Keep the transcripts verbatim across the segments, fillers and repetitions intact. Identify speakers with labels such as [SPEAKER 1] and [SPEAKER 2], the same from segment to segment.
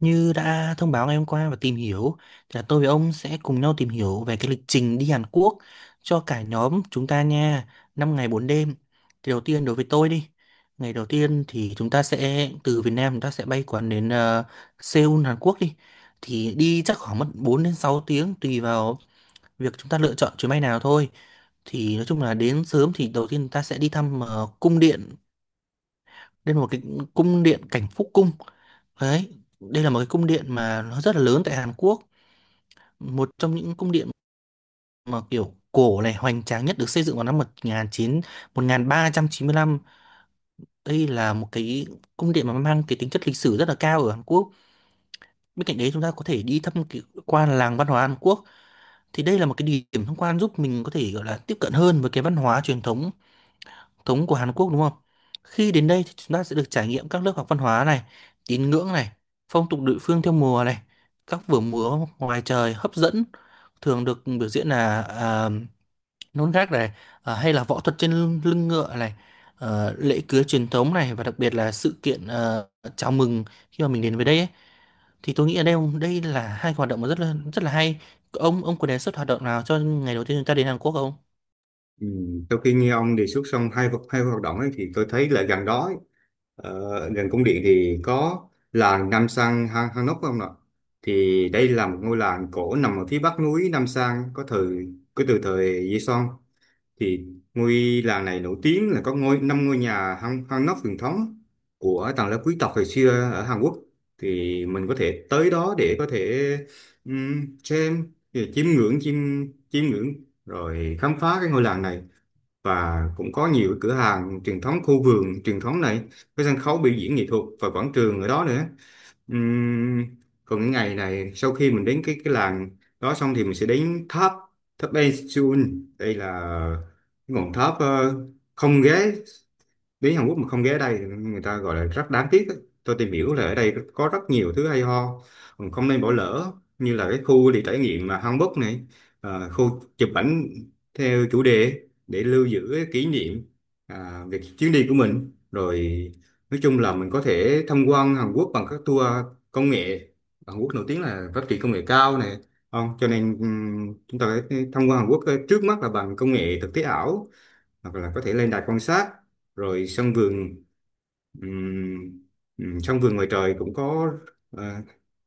[SPEAKER 1] Như đã thông báo ngày hôm qua và tìm hiểu thì là tôi với ông sẽ cùng nhau tìm hiểu về cái lịch trình đi Hàn Quốc cho cả nhóm chúng ta nha, năm ngày bốn đêm. Thì đầu tiên đối với tôi đi, ngày đầu tiên thì chúng ta sẽ từ Việt Nam, chúng ta sẽ bay quán đến ờ, Seoul Hàn Quốc đi. Thì đi chắc khoảng mất bốn đến sáu tiếng tùy vào việc chúng ta lựa chọn chuyến bay nào thôi. Thì nói chung là đến sớm thì đầu tiên ta sẽ đi thăm ờ, cung điện, đây một cái cung điện cảnh phúc cung. Đấy, đây là một cái cung điện mà nó rất là lớn tại Hàn Quốc, một trong những cung điện mà kiểu cổ này hoành tráng nhất, được xây dựng vào năm một một nghìn nghìn chín chín ba trăm chín mươi lăm. Đây là một cái cung điện mà mang cái tính chất lịch sử rất là cao ở Hàn Quốc. Bên cạnh đấy chúng ta có thể đi thăm cái qua làng văn hóa Hàn Quốc. Thì đây là một cái địa điểm tham quan giúp mình có thể gọi là tiếp cận hơn với cái văn hóa truyền thống thống của Hàn Quốc đúng không? Khi đến đây thì chúng ta sẽ được trải nghiệm các lớp học văn hóa này, tín ngưỡng này, phong tục địa phương theo mùa này, các vở múa ngoài trời hấp dẫn thường được biểu diễn là à, nón gác này, à, hay là võ thuật trên lưng lưng ngựa này, ờ, lễ cưới truyền thống này và đặc biệt là sự kiện ờ, chào mừng khi mà mình đến với đây ấy. Thì tôi nghĩ ở đây đây là hai hoạt động mà rất là rất là hay. Ông ông có đề xuất hoạt động nào cho ngày đầu tiên chúng ta đến Hàn Quốc không?
[SPEAKER 2] Ừ. Sau khi nghe ông đề xuất xong hai vật- hai hoạt động ấy, thì tôi thấy là gần đó ấy, ờ, gần cung điện thì có làng Nam Sang Han Hanok không ạ? Thì đây là một ngôi làng cổ nằm ở phía bắc núi Nam Sang có thời có từ thời Joseon. Thì ngôi làng này nổi tiếng là có ngôi năm ngôi nhà Han Hanok truyền thống của tầng lớp quý tộc hồi xưa ở Hàn Quốc. Thì mình có thể tới đó để có thể um, xem chiêm ngưỡng chiêm chiêm ngưỡng rồi khám phá cái ngôi làng này, và cũng có nhiều cửa hàng truyền thống, khu vườn truyền thống này, cái sân khấu biểu diễn nghệ thuật và quảng trường ở đó nữa. Ừm, Còn cái ngày này, sau khi mình đến cái cái làng đó xong thì mình sẽ đến tháp tháp Eiffel. Đây là cái ngọn tháp, ờ, không ghế đến Hàn Quốc mà không ghé ở đây thì người ta gọi là rất đáng tiếc ấy. Tôi tìm hiểu là ở đây có rất nhiều thứ hay ho mình không nên bỏ lỡ, như là cái khu đi trải nghiệm mà hanbok này, à, khu chụp ảnh theo chủ đề để lưu giữ cái kỷ niệm, à, về chuyến đi của mình. Rồi nói chung là mình có thể tham quan Hàn Quốc bằng các tour công nghệ. Hàn Quốc nổi tiếng là phát triển công nghệ cao này, không, cho nên ừm, chúng ta phải tham quan Hàn Quốc, ờ, trước mắt là bằng công nghệ thực tế ảo, hoặc là có thể lên đài quan sát rồi sân vườn. ừm, ừm, Sân vườn ngoài trời cũng có, ờ,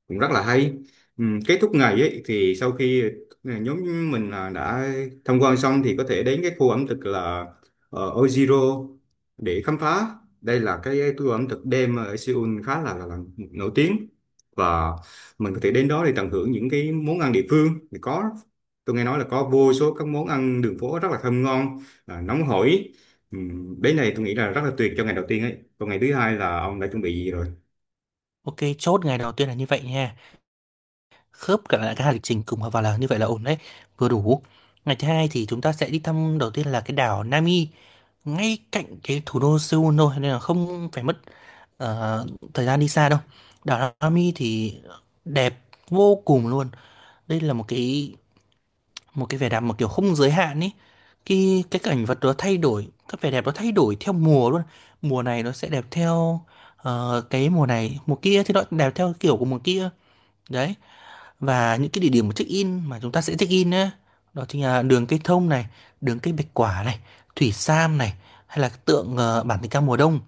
[SPEAKER 2] cũng rất là hay. Ừ, kết thúc ngày ấy, thì sau khi ừ, nhóm mình là đã tham quan xong thì có thể đến cái khu ẩm thực là, ờ, Ojiro, để khám phá. Đây là cái tour ẩm thực đêm ở Seoul khá là, là, là nổi tiếng, và mình có thể đến đó để tận hưởng những cái món ăn địa phương. Thì có, tôi nghe nói là có vô số các món ăn đường phố rất là thơm ngon, à, nóng hổi. ừ, Đến này tôi nghĩ là rất là tuyệt cho ngày đầu tiên ấy. Còn ngày thứ hai là ông đã chuẩn bị gì rồi?
[SPEAKER 1] Ok, chốt ngày đầu tiên là như vậy nha. Khớp cả lại cái hành trình cùng vào là như vậy là ổn đấy, vừa đủ. Ngày thứ hai thì chúng ta sẽ đi thăm đầu tiên là cái đảo Nami, ngay cạnh cái thủ đô Seoul thôi, nên là không phải mất ờ, thời gian đi xa đâu. Đảo Nami thì đẹp vô cùng luôn. Đây là một cái một cái vẻ đẹp một kiểu không giới hạn ấy. Cái cái Cảnh vật nó thay đổi, các vẻ đẹp nó thay đổi theo mùa luôn. Mùa này nó sẽ đẹp theo ờ, cái mùa này, mùa kia thì nó đẹp theo kiểu của mùa kia, đấy. Và những cái địa điểm check in mà chúng ta sẽ check in á, đó chính là đường cây thông này, đường cây bạch quả này, thủy sam này, hay là tượng ờ, bản tình ca mùa đông,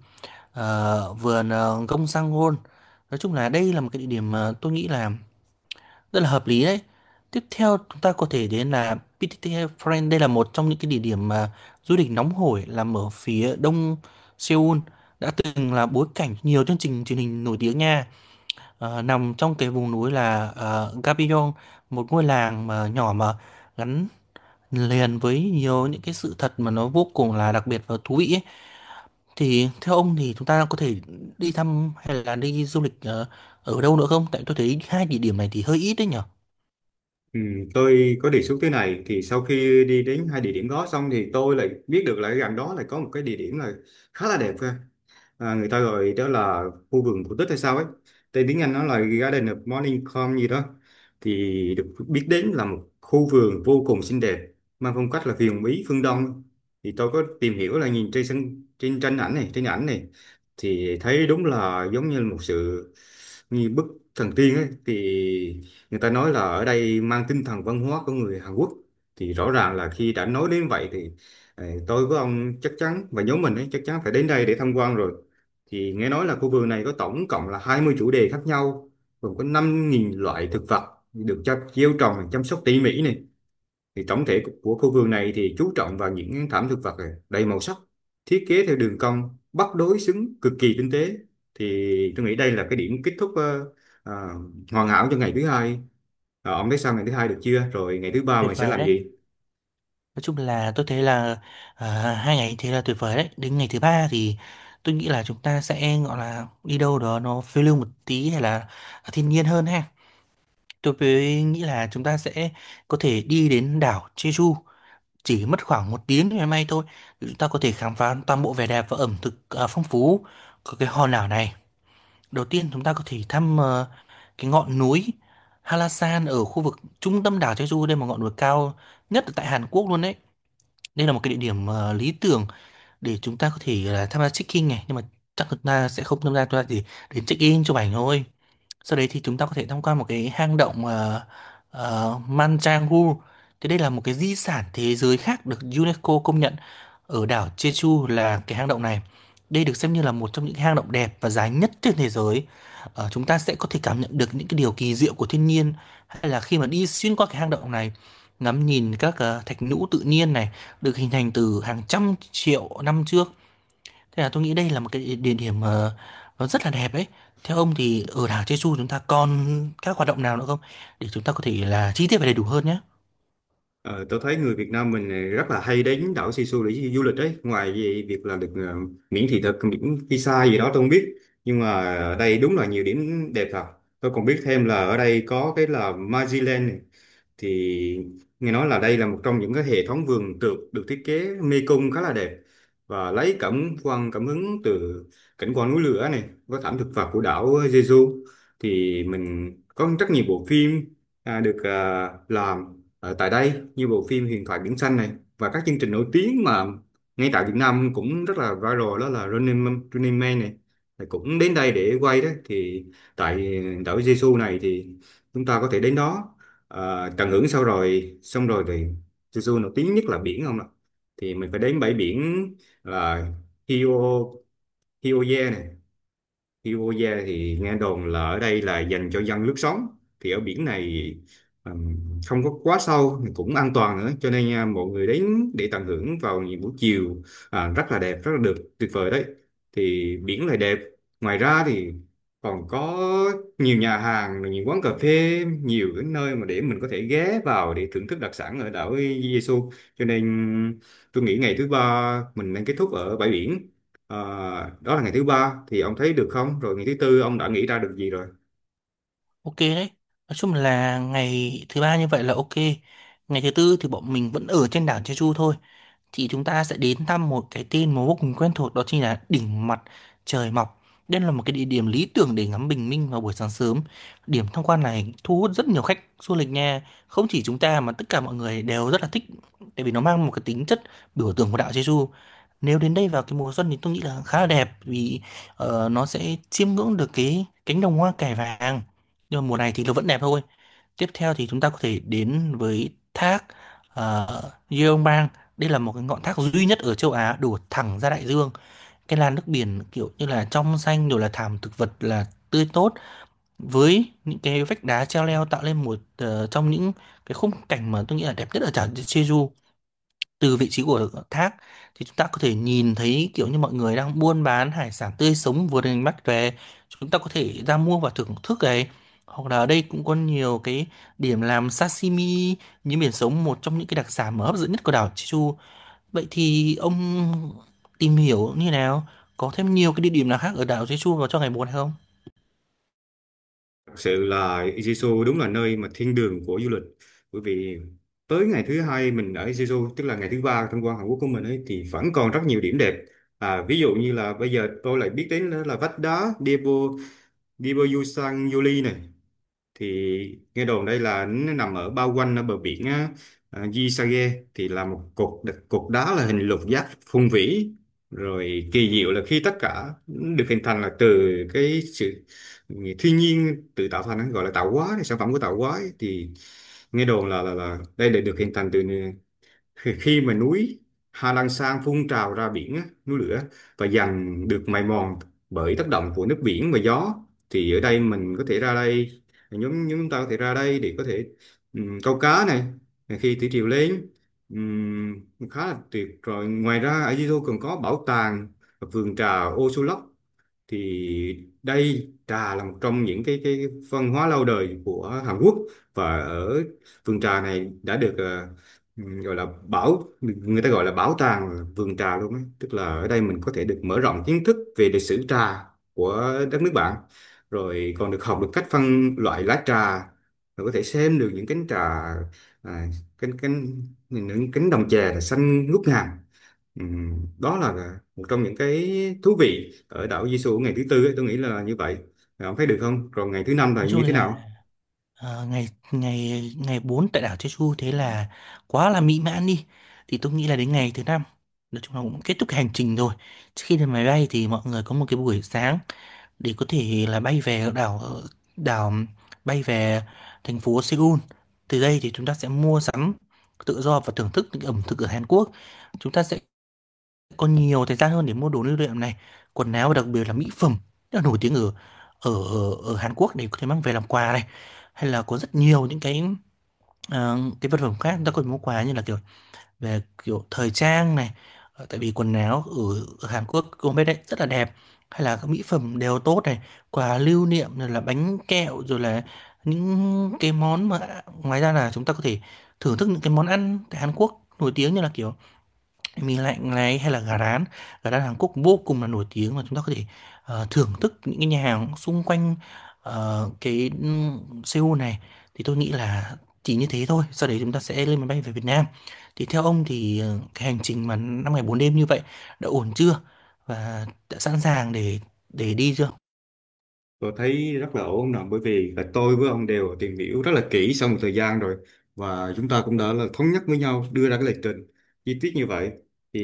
[SPEAKER 1] ờ, vườn ờ, gông sang hôn. Nói chung là đây là một cái địa điểm mà tôi nghĩ là rất là hợp lý đấy. Tiếp theo chúng ta có thể đến là pê tê tê Friend. Đây là một trong những cái địa điểm mà du lịch nóng hổi làm ở phía đông Seoul, đã từng là bối cảnh nhiều chương trình truyền hình nổi tiếng nha. Ờ, nằm trong cái vùng núi là uh, Gabillon, một ngôi làng mà nhỏ mà gắn liền với nhiều những cái sự thật mà nó vô cùng là đặc biệt và thú vị ấy. Thì theo ông thì chúng ta có thể đi thăm hay là đi du lịch ờ, ở đâu nữa không? Tại tôi thấy hai địa điểm này thì hơi ít đấy nhở.
[SPEAKER 2] Ừ, tôi có đề xuất thế này. Thì sau khi đi đến hai địa điểm đó xong thì tôi lại biết được là gần đó lại có một cái địa điểm là khá là đẹp ha. À, người ta gọi đó là khu vườn cổ tích hay sao ấy, tên tiếng Anh nó là Garden of Morning Calm gì đó. Thì được biết đến là một khu vườn vô cùng xinh đẹp, mang phong cách là huyền bí phương Đông. Thì tôi có tìm hiểu là nhìn trên sân trên tranh ảnh này, trên ảnh này, thì thấy đúng là giống như là một sự như bức thần tiên ấy. Thì người ta nói là ở đây mang tinh thần văn hóa của người Hàn Quốc. Thì rõ ràng là khi đã nói đến vậy thì, ờ, tôi với ông chắc chắn, và nhóm mình ấy chắc chắn phải đến đây để tham quan rồi. Thì nghe nói là khu vườn này có tổng cộng là hai mươi chủ đề khác nhau, gồm có năm nghìn loại thực vật được cho gieo trồng chăm sóc tỉ mỉ này. Thì tổng thể của khu vườn này thì chú trọng vào những thảm thực vật này, đầy màu sắc, thiết kế theo đường cong, bắt đối xứng cực kỳ tinh tế. Thì tôi nghĩ đây là cái điểm kết thúc, ờ, ờ, hoàn hảo cho ngày thứ hai. Ờ, ông thấy sao, ngày thứ hai được chưa? Rồi ngày thứ ba
[SPEAKER 1] Tuyệt
[SPEAKER 2] mình sẽ
[SPEAKER 1] vời
[SPEAKER 2] làm
[SPEAKER 1] đấy.
[SPEAKER 2] gì?
[SPEAKER 1] Nói chung là tôi thấy là à, hai ngày thế là tuyệt vời đấy. Đến ngày thứ ba thì tôi nghĩ là chúng ta sẽ gọi là đi đâu đó nó phiêu lưu một tí hay là thiên nhiên hơn ha. Tôi mới nghĩ là chúng ta sẽ có thể đi đến đảo Jeju, chỉ mất khoảng một tiếng ngày mai thôi. Chúng ta có thể khám phá toàn bộ vẻ đẹp và ẩm thực à, phong phú của cái hòn đảo này. Đầu tiên chúng ta có thể thăm ờ, cái ngọn núi Halasan ở khu vực trung tâm đảo Jeju. Đây là một ngọn núi cao nhất ở tại Hàn Quốc luôn đấy. Đây là một cái địa điểm ờ, lý tưởng để chúng ta có thể là tham gia check-in này, nhưng mà chắc chúng ta sẽ không tham gia, chúng ta chỉ đến check-in chụp ảnh thôi. Sau đấy thì chúng ta có thể tham quan một cái hang động uh, Manjangu. Thì đây là một cái di sản thế giới khác được UNESCO công nhận ở đảo Jeju là cái hang động này. Đây được xem như là một trong những hang động đẹp và dài nhất trên thế giới. Ờ, chúng ta sẽ có thể cảm nhận được những cái điều kỳ diệu của thiên nhiên hay là khi mà đi xuyên qua cái hang động này, ngắm nhìn các ờ, thạch nhũ tự nhiên này được hình thành từ hàng trăm triệu năm trước. Thế là tôi nghĩ đây là một cái địa điểm mà nó rất là đẹp ấy. Theo ông thì ở đảo Jeju chúng ta còn các hoạt động nào nữa không? Để chúng ta có thể là chi tiết và đầy đủ hơn nhé.
[SPEAKER 2] Ờ, tôi thấy người Việt Nam mình này rất là hay đến đảo Sisu để du lịch đấy. Ngoài vì việc là được, ờ, miễn thị thực, miễn visa gì đó tôi không biết. Nhưng mà ở đây đúng là nhiều điểm đẹp thật. Tôi còn biết thêm là ở đây có cái là Magiland này. Thì nghe nói là đây là một trong những cái hệ thống vườn tược được thiết kế mê cung khá là đẹp, và lấy cảm quan cảm hứng từ cảnh quan núi lửa này với thảm thực vật của đảo Jeju. Thì mình có rất nhiều bộ phim, à, được, à, làm ở tại đây như bộ phim Huyền thoại biển xanh này. Và các chương trình nổi tiếng mà ngay tại Việt Nam cũng rất là viral đó là Running Man, Running Man này. Thì cũng đến đây để quay đó. Thì tại đảo Jeju này thì chúng ta có thể đến đó, à, Trần Hưởng sau, rồi xong rồi thì, Su Su nổi tiếng nhất là biển không ạ, thì mình phải đến bãi biển là, Hio Hioye này, Iwoya. Thì nghe đồn là ở đây là dành cho dân lướt sóng. Thì ở biển này, ừm, không có quá sâu mà cũng an toàn nữa, cho nên à, mọi người đến để tận hưởng vào những buổi chiều, à, rất là đẹp, rất là được, tuyệt vời đấy, thì biển lại đẹp. Ngoài ra thì còn có nhiều nhà hàng rồi những quán cà phê, nhiều cái nơi mà để mình có thể ghé vào để thưởng thức đặc sản ở đảo Jesu. Cho nên tôi nghĩ ngày thứ ba mình nên kết thúc ở bãi biển. Ờ, đó là ngày thứ ba, thì ông thấy được không? Rồi ngày thứ tư ông đã nghĩ ra được gì rồi?
[SPEAKER 1] Ok đấy. Nói chung là ngày thứ ba như vậy là ok. Ngày thứ tư thì bọn mình vẫn ở trên đảo Jeju thôi. Thì chúng ta sẽ đến thăm một cái tên mà vô cùng quen thuộc, đó chính là đỉnh mặt trời mọc. Đây là một cái địa điểm lý tưởng để ngắm bình minh vào buổi sáng sớm. Điểm tham quan này thu hút rất nhiều khách du lịch nha. Không chỉ chúng ta mà tất cả mọi người đều rất là thích, tại vì nó mang một cái tính chất biểu tượng của đạo Jesu. Nếu đến đây vào cái mùa xuân thì tôi nghĩ là khá là đẹp, vì ờ, nó sẽ chiêm ngưỡng được cái cánh đồng hoa cải vàng. Nhưng mà mùa này thì nó vẫn đẹp thôi. Tiếp theo thì chúng ta có thể đến với thác ờ, Yeongbang. Đây là một cái ngọn thác duy nhất ở châu Á đổ thẳng ra đại dương. Cái làn nước biển kiểu như là trong xanh, rồi là thảm thực vật là tươi tốt với những cái vách đá treo leo, tạo lên một ờ, trong những cái khung cảnh mà tôi nghĩ là đẹp nhất ở đảo Jeju. Từ vị trí của thác thì chúng ta có thể nhìn thấy kiểu như mọi người đang buôn bán hải sản tươi sống vừa được đánh bắt về, chúng ta có thể ra mua và thưởng thức này. Hoặc là ở đây cũng có nhiều cái điểm làm sashimi, như biển sống, một trong những cái đặc sản mà hấp dẫn nhất của đảo Jeju. Vậy thì ông tìm hiểu như nào, có thêm nhiều cái địa điểm nào khác ở đảo Jeju vào cho ngày bốn hay không?
[SPEAKER 2] Thật sự là Jeju đúng là nơi mà thiên đường của du lịch. Bởi vì tới ngày thứ hai mình ở Jeju, tức là ngày thứ ba tham quan Hàn Quốc của mình ấy, thì vẫn còn rất nhiều điểm đẹp. À, ví dụ như là bây giờ tôi lại biết đến là vách đá Daebu Daebu Yusan Yuli này. Thì nghe đồn đây là nó nằm ở bao quanh ở bờ biển á, à, Gisage thì là một cột đ- cột đá là hình lục giác phong vĩ. Rồi kỳ diệu là khi tất cả được hình thành là từ cái sự thiên nhiên tự tạo thành, gọi là tạo hóa, sản phẩm của tạo hóa ấy. Thì nghe đồn là là là đây là được hình thành từ khi khi mà núi Hà Lan Sang phun trào ra biển á, núi lửa, và dần được mài mòn bởi tác động của nước biển và gió. Thì ở đây mình có thể ra đây, nhóm nhóm chúng ta có thể ra đây để có thể, ừm, câu cá này, khi thủy triều lên. Ừm, khá là tuyệt. Rồi ngoài ra ở Di còn có bảo tàng vườn trà ô số. Thì đây trà là một trong những cái cái văn hóa lâu đời của Hàn Quốc. Và ở vườn trà này đã được, ờ, ừm, gọi là bảo người ta gọi là bảo tàng vườn trà luôn ấy. Tức là ở đây mình có thể được mở rộng kiến thức về lịch sử trà của đất nước bạn, rồi còn được học được cách phân loại lá trà, rồi có thể xem được những cánh trà, à, cánh cánh những cánh đồng chè là xanh ngút ngàn. Ừm, đó là một trong những cái thú vị ở đảo Jesu ngày thứ tư ấy, tôi nghĩ là như vậy. Bạn thấy được không? Còn ngày thứ năm là
[SPEAKER 1] Nói chung
[SPEAKER 2] như thế
[SPEAKER 1] là
[SPEAKER 2] nào?
[SPEAKER 1] Ờ, ngày ngày ngày bốn tại đảo Jeju thế là quá là mỹ mãn đi. Thì tôi nghĩ là đến ngày thứ năm, nói chung là cũng kết thúc cái hành trình rồi. Trước khi lên máy bay thì mọi người có một cái buổi sáng để có thể là bay về đảo ờ, đảo bay về thành phố Seoul. Từ đây thì chúng ta sẽ mua sắm tự do và thưởng thức những ẩm thực ở Hàn Quốc. Chúng ta sẽ có nhiều thời gian hơn để mua đồ lưu niệm này, quần áo, và đặc biệt là mỹ phẩm rất là nổi tiếng ở ở ở ở Hàn Quốc để có thể mang về làm quà này, hay là có rất nhiều những cái ờ, cái vật phẩm khác chúng ta có thể mua quà như là kiểu về kiểu thời trang này. Ờ, tại vì quần áo ở, ở Hàn Quốc Gourmet đấy rất là đẹp, hay là các mỹ phẩm đều tốt này, quà lưu niệm rồi là bánh kẹo rồi là những cái món mà ngoài ra là chúng ta có thể thưởng thức những cái món ăn tại Hàn Quốc nổi tiếng như là kiểu mì lạnh này hay là gà rán. Gà rán Hàn Quốc vô cùng là nổi tiếng và chúng ta có thể ờ, thưởng thức những cái nhà hàng xung quanh ờ, cái ừm, Seoul này. Thì tôi nghĩ là chỉ như thế thôi, sau đấy chúng ta sẽ lên máy bay về Việt Nam. Thì theo ông thì ờ, cái hành trình mà năm ngày bốn đêm như vậy đã ổn chưa, và đã sẵn sàng để để đi chưa?
[SPEAKER 2] Tôi thấy rất là ổn nè, bởi vì là tôi với ông đều tìm hiểu rất là kỹ sau một thời gian rồi, và chúng ta cũng đã là thống nhất với nhau đưa ra cái lịch trình chi tiết như vậy. Thì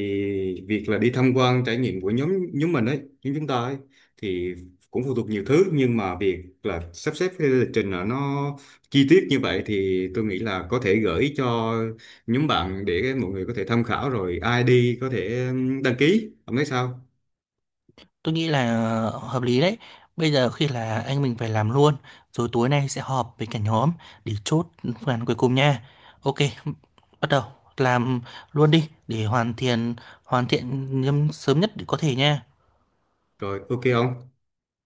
[SPEAKER 2] việc là đi tham quan trải nghiệm của nhóm nhóm mình ấy, nhóm chúng ta ấy, thì cũng phụ thuộc nhiều thứ, nhưng mà việc là sắp xếp cái lịch trình là nó chi tiết như vậy thì tôi nghĩ là có thể gửi cho nhóm bạn để mọi người có thể tham khảo, rồi ai đi có thể đăng ký. Ông thấy sao?
[SPEAKER 1] Tôi nghĩ là ờ, hợp lý đấy. Bây giờ khi là anh mình phải làm luôn, rồi tối nay sẽ họp với cả nhóm để chốt phương án cuối cùng nha. Ok, bắt đầu làm luôn đi để hoàn thiện hoàn thiện nhâm- sớm nhất có thể nha.
[SPEAKER 2] Rồi ok không?